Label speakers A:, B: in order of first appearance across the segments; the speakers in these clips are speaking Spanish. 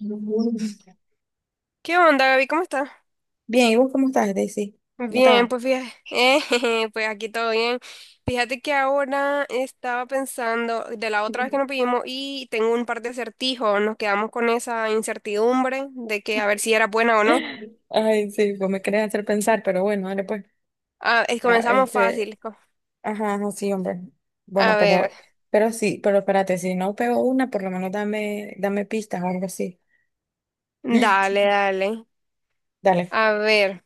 A: Bien,
B: ¿Qué onda, Gaby? ¿Cómo estás?
A: ¿y vos cómo estás, Daisy? ¿Cómo te
B: Bien,
A: va?
B: pues fíjate, jeje, pues aquí todo bien. Fíjate que ahora estaba pensando de la otra vez que nos pedimos y tengo un par de acertijos. Nos quedamos con esa incertidumbre de que a ver si era buena o no.
A: Ay, sí, pues me querés hacer pensar, pero bueno, dale pues. Ya,
B: Comenzamos fácil.
A: ajá, ajá, sí, hombre. Bueno,
B: A ver,
A: pero, pero sí, pero espérate, si no pego una, por lo menos dame pistas o algo así.
B: dale, dale.
A: Dale.
B: A ver,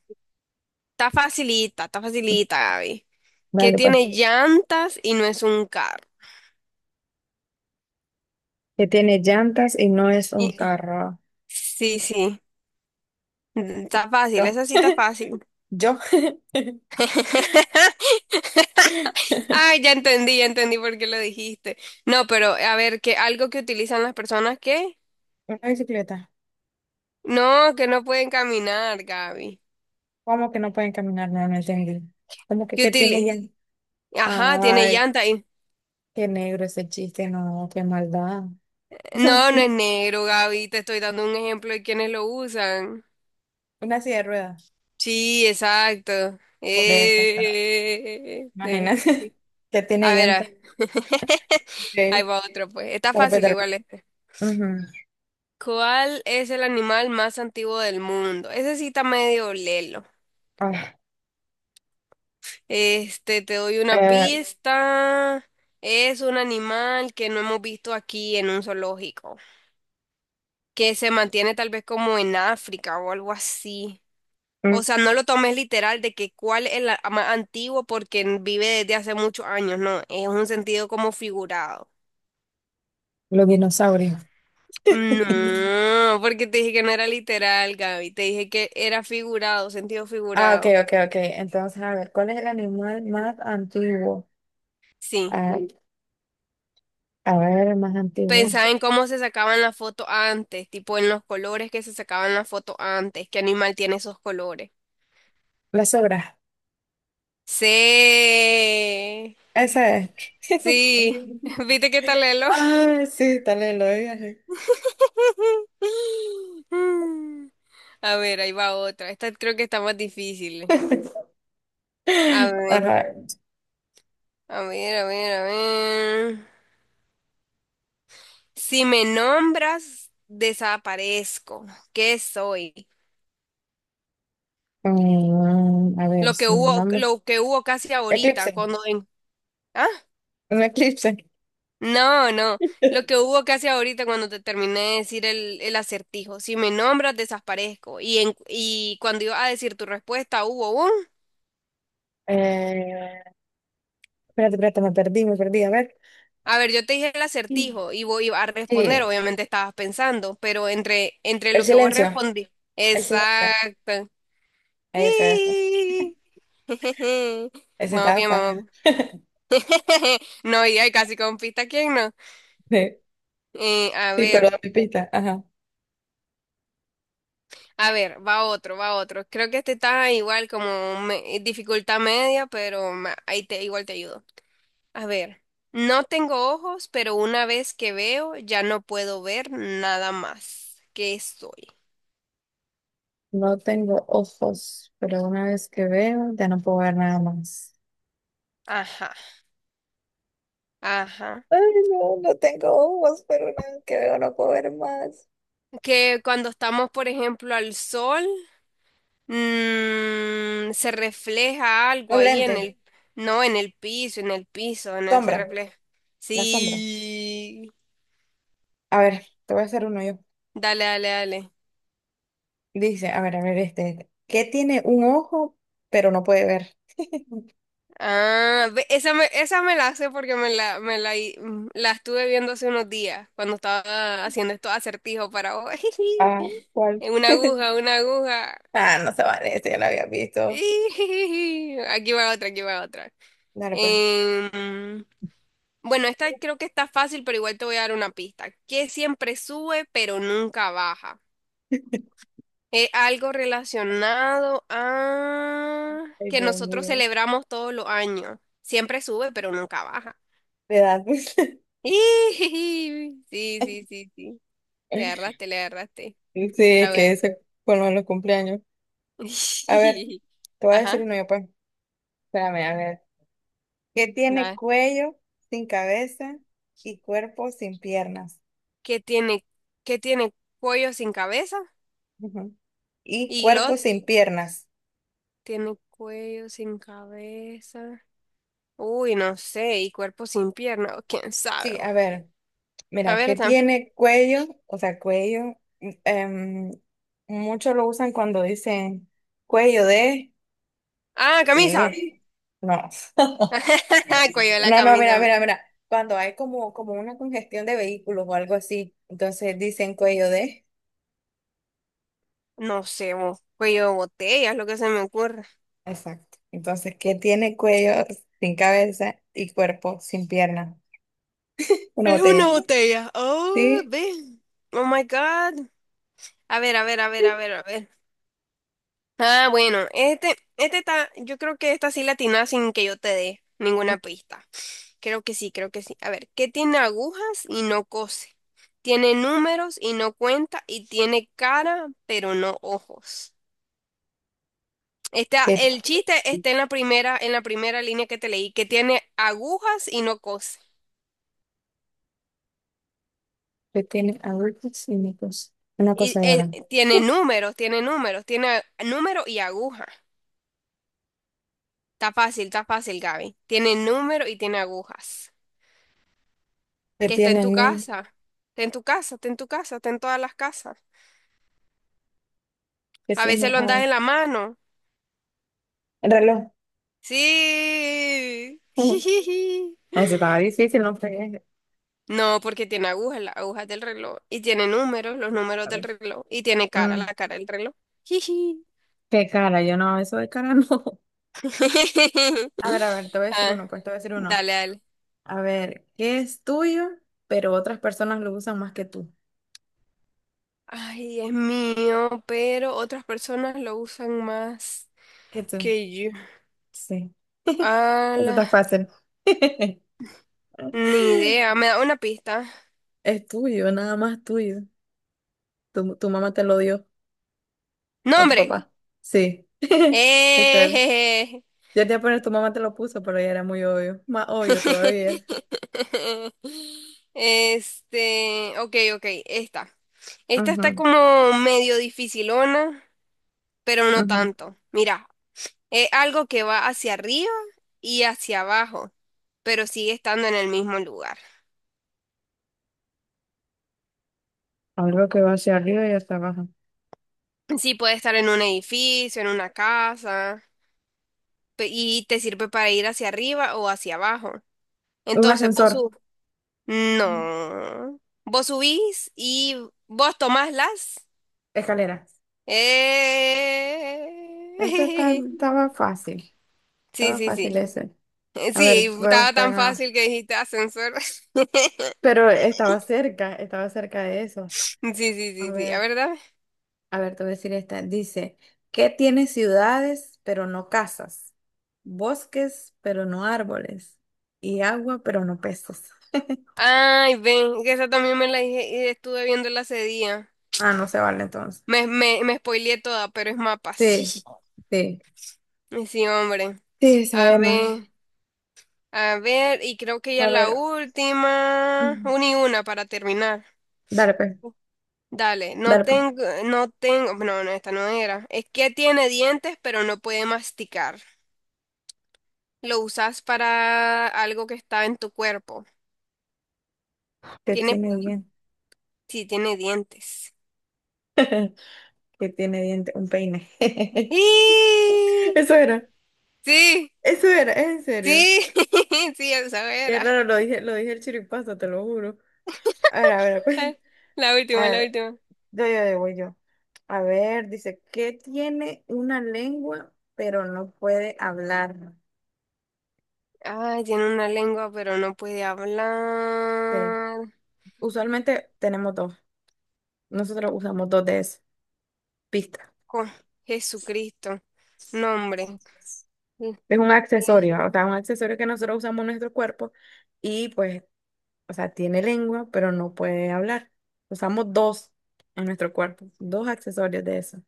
B: está facilita, Gaby. Que
A: Dale, pues.
B: tiene llantas y no es un carro.
A: Que tiene llantas y no es un
B: Y-
A: carro.
B: sí, sí, está fácil,
A: Yo.
B: esa sí está fácil.
A: Yo.
B: Ay, ya entendí por qué lo dijiste. No, pero a ver, que algo que utilizan las personas que
A: Una bicicleta.
B: no, que no pueden caminar, Gaby.
A: ¿Cómo que no pueden caminar? No, no entendí. ¿Cómo que
B: Que
A: qué tiene
B: utili
A: llantas?
B: Ajá, tiene
A: Ay.
B: llanta ahí.
A: Qué negro ese chiste, no, qué maldad.
B: No, no es negro, Gaby. Te estoy dando un ejemplo de quienes lo usan.
A: Una silla de ruedas.
B: Sí, exacto.
A: Por esa, pero
B: Eh, debe-
A: imagínate que tiene
B: A ver,
A: llantas
B: ahí
A: de
B: va otro, pues. Está fácil
A: carpeta.
B: igual este.
A: Ujú.
B: ¿Cuál es el animal más antiguo del mundo? Ese sí está medio lelo.
A: Ah,
B: Este, te doy una
A: eh,
B: pista. Es un animal que no hemos visto aquí en un zoológico, que se mantiene tal vez como en África o algo así.
A: mm,
B: O sea, no lo tomes literal de que cuál es el más antiguo porque vive desde hace muchos años, no, es un sentido como figurado.
A: los dinosaurios.
B: No, porque te dije que no era literal, Gaby, te dije que era figurado, sentido
A: Ah, ok,
B: figurado.
A: ok, ok. Entonces, a ver, ¿cuál es el animal más antiguo?
B: Sí.
A: a a ver, el más antiguo.
B: Pensaba en cómo se sacaban la foto antes, tipo en los colores que se sacaban la foto antes, qué animal tiene esos colores.
A: La sobra.
B: Sí,
A: Esa es.
B: sí, viste qué tal Lelo.
A: Ah, sí, tal vez lo dije.
B: A ver, ahí va otra. Esta creo que está más difícil. A ver,
A: Ajá.
B: a ver. Si me nombras, desaparezco. ¿Qué soy?
A: A ver,
B: Lo que
A: si no
B: hubo, lo que hubo casi
A: eclipse,
B: ahorita, cuando en... ¿Ah?
A: un eclipse.
B: No, no. Lo que hubo casi ahorita cuando te terminé de decir el acertijo. Si me nombras, desaparezco. Y cuando iba a decir tu respuesta, hubo un.
A: Eh, Espérate, espérate, me perdí. A ver.
B: A ver, yo te dije el acertijo y voy a responder.
A: Sí,
B: Obviamente estabas pensando, pero entre
A: el
B: lo que vos
A: silencio,
B: respondí.
A: el silencio.
B: Exacto.
A: Ese, ese.
B: Y-
A: Ese
B: Vamos
A: estaba
B: bien,
A: fácil.
B: vamos bien. No, y hay casi con pista, ¿quién no?
A: Sí,
B: A
A: sí, pero
B: ver.
A: la pipita, ajá.
B: A ver, va otro. Creo que este está igual como dificultad media, pero ahí te igual te ayudo. A ver, no tengo ojos, pero una vez que veo ya no puedo ver nada más. ¿Qué soy?
A: No tengo ojos, pero una vez que veo, ya no puedo ver nada más.
B: Ajá, ajá.
A: Ay, no, no tengo ojos, pero una vez que veo, no puedo ver más.
B: Que cuando estamos, por ejemplo, al sol, se refleja algo
A: Los
B: ahí en
A: lentes,
B: no, en el piso, en el piso, en el se
A: sombra,
B: refleja.
A: la sombra.
B: Sí.
A: A ver, te voy a hacer uno yo.
B: Dale.
A: Dice, a ver, ¿Qué tiene un ojo, pero no puede ver?
B: Ah, esa me la sé porque me la, hi- mm, la estuve viendo hace unos días cuando estaba haciendo estos acertijos para vos.
A: Ah, ¿cuál?
B: Una aguja.
A: Ah, no se vale, ese ya lo había visto.
B: Ijijiji. Aquí va otra.
A: Dale, pues.
B: Em, bueno, esta creo que está fácil, pero igual te voy a dar una pista. Que siempre sube, pero nunca baja. Es algo relacionado a
A: Ay,
B: que
A: Dios
B: nosotros
A: mío.
B: celebramos todos los años. Siempre sube, pero nunca baja.
A: De edad.
B: Sí, sí, sí, sí. Le agarraste.
A: Sí,
B: Está
A: es que
B: bueno.
A: eso con lo de los cumpleaños. A ver, te voy a decir
B: Ajá,
A: uno yo, pues. Espérame, a ver. Que tiene
B: nada.
A: cuello sin cabeza y cuerpo sin piernas.
B: ¿Qué tiene, qué tiene cuello sin cabeza?
A: Ujú. Y
B: Y
A: cuerpo
B: glot
A: sin piernas.
B: tiene cuello sin cabeza. Uy, no sé. Y cuerpo sin pierna. ¿O quién sabe
A: Sí,
B: vos?
A: a ver,
B: A
A: mira,
B: ver,
A: que
B: tam-
A: tiene cuello, o sea, cuello, muchos lo usan cuando dicen cuello de.
B: Ah, camisa.
A: Eh, no.
B: Cuello de la
A: No, no, mira,
B: camisa.
A: mira, mira. Cuando hay como, como una congestión de vehículos o algo así, entonces dicen cuello de.
B: No sé, vos. Cuello de botella es lo que se me ocurre.
A: Exacto. Entonces, ¿qué tiene cuello sin cabeza y cuerpo sin pierna? Una
B: Es una
A: botella.
B: botella. Oh,
A: Sí.
B: ve. Oh my God. A ver, a ver. Ah, bueno, este está, yo creo que esta sí la atinás sin que yo te dé ninguna pista. Creo que sí. A ver, ¿qué tiene agujas y no cose? Tiene números y no cuenta y tiene cara, pero no ojos. Está,
A: ¿Qué,
B: el chiste está en la primera línea que te leí, que tiene agujas y no cose.
A: qué tiene adultos cínicos? Una cosadora.
B: Tiene números, tiene número y aguja. Está fácil, Gaby. Tiene número y tiene agujas.
A: ¿Qué
B: Que está
A: tiene
B: en
A: el
B: tu casa, está en todas las casas.
A: ¿Qué
B: A
A: tiene
B: veces
A: el
B: lo andas en la mano.
A: el reloj?
B: Sí.
A: Ujú. Ah, ese estaba difícil, no fregues.
B: No, porque tiene agujas, las agujas del reloj, y tiene números, los números
A: A
B: del
A: ver.
B: reloj, y tiene cara,
A: Mm,
B: la cara del reloj. Jiji.
A: Qué cara, yo no, eso de cara no. A ver, te voy a decir
B: Ah,
A: uno, pues te voy a decir uno.
B: dale.
A: A ver, ¿qué es tuyo, pero otras personas lo usan más que tú?
B: Ay, es mío, pero otras personas lo usan más
A: Que tú.
B: que yo.
A: Sí, eso
B: Ala,
A: está fácil.
B: ni idea. ¿Me da una pista?
A: Es tuyo, nada más tuyo. Tu mamá te lo dio, o tu
B: ¡Nombre!
A: papá. Sí, qué ser.
B: ¡Eh!
A: Yo te iba a poner, tu mamá te lo puso, pero ya era muy obvio. Más obvio todavía.
B: Este, ok, ok, esta. Esta está
A: Ujú,
B: como medio dificilona, pero no
A: ujú.
B: tanto. Mira, es algo que va hacia arriba y hacia abajo, pero sigue estando en el mismo lugar.
A: Algo que va hacia arriba y hasta abajo.
B: Sí puede estar en un edificio, en una casa, y te sirve para ir hacia arriba o hacia abajo.
A: Un
B: Entonces vos
A: ascensor.
B: sub... No. Vos subís y vos tomás las
A: Escaleras. Ese está-
B: Eh,
A: estaba fácil.
B: Sí,
A: Estaba
B: sí,
A: fácil
B: sí.
A: ese. A
B: Sí,
A: ver, voy a
B: estaba
A: buscar
B: tan
A: una.
B: fácil que dijiste ascensor.
A: Pero estaba cerca de eso.
B: Sí, sí,
A: A
B: sí, sí. A
A: ver,
B: ver, dame.
A: a ver, te voy a decir esta. Dice, ¿qué tiene ciudades pero no casas? Bosques pero no árboles. Y agua pero no peces.
B: Ay, ven, que esa también me la dije y estuve viéndola hace día.
A: Ah, no se vale entonces.
B: Me spoileé toda, pero es mapa.
A: Sí, sí.
B: Sí, sí, hombre.
A: Sí,
B: A
A: sabe mal.
B: ver, a ver, y creo que ya
A: A
B: la
A: ver,
B: última.
A: mm,
B: Una y una para terminar.
A: dale pues,
B: Dale, no
A: dale pues.
B: tengo, no tengo, no, no, esta no era. Es que tiene dientes, pero no puede masticar. Lo usas para algo que está en tu cuerpo.
A: ¿Qué
B: Tiene,
A: tiene bien?
B: sí, tiene dientes.
A: ¿Que tiene diente? Un peine. Eso
B: ¡Y!
A: era,
B: Sí,
A: eso era, es en serio.
B: sí, sí, esa
A: Qué
B: era.
A: raro, lo dije el chiripazo, te lo juro. A ver,
B: La
A: a
B: última, la
A: ver,
B: última.
A: yo, voy yo. A ver, dice, ¿qué tiene una lengua pero no puede hablar?
B: Ay, tiene una lengua, pero no puede
A: Te-
B: hablar.
A: Usualmente tenemos dos. Nosotros usamos dos de esas pista.
B: Con Jesucristo. Nombre. L-
A: Es un
B: le-
A: accesorio, o sea, un accesorio que nosotros usamos en nuestro cuerpo y pues, o sea, tiene lengua pero no puede hablar. Usamos dos en nuestro cuerpo, dos accesorios de eso.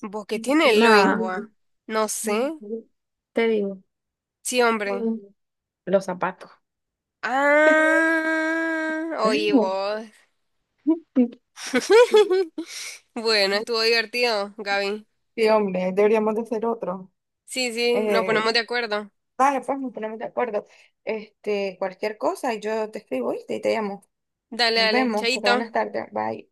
B: ¿Vos qué tiene
A: Nada,
B: lengua? No sé.
A: te digo,
B: Sí, hombre.
A: los zapatos.
B: Ah, oye vos. Bueno, estuvo divertido, Gaby.
A: Sí, hombre, deberíamos de hacer otro.
B: Sí, sí, nos ponemos de
A: Eh,
B: acuerdo.
A: Dale, pues nos ponemos de acuerdo. Este, cualquier cosa, yo te escribo, ¿viste? Y te llamo.
B: Dale,
A: Nos
B: dale,
A: vemos, porque
B: chaito.
A: buenas tardes. Bye.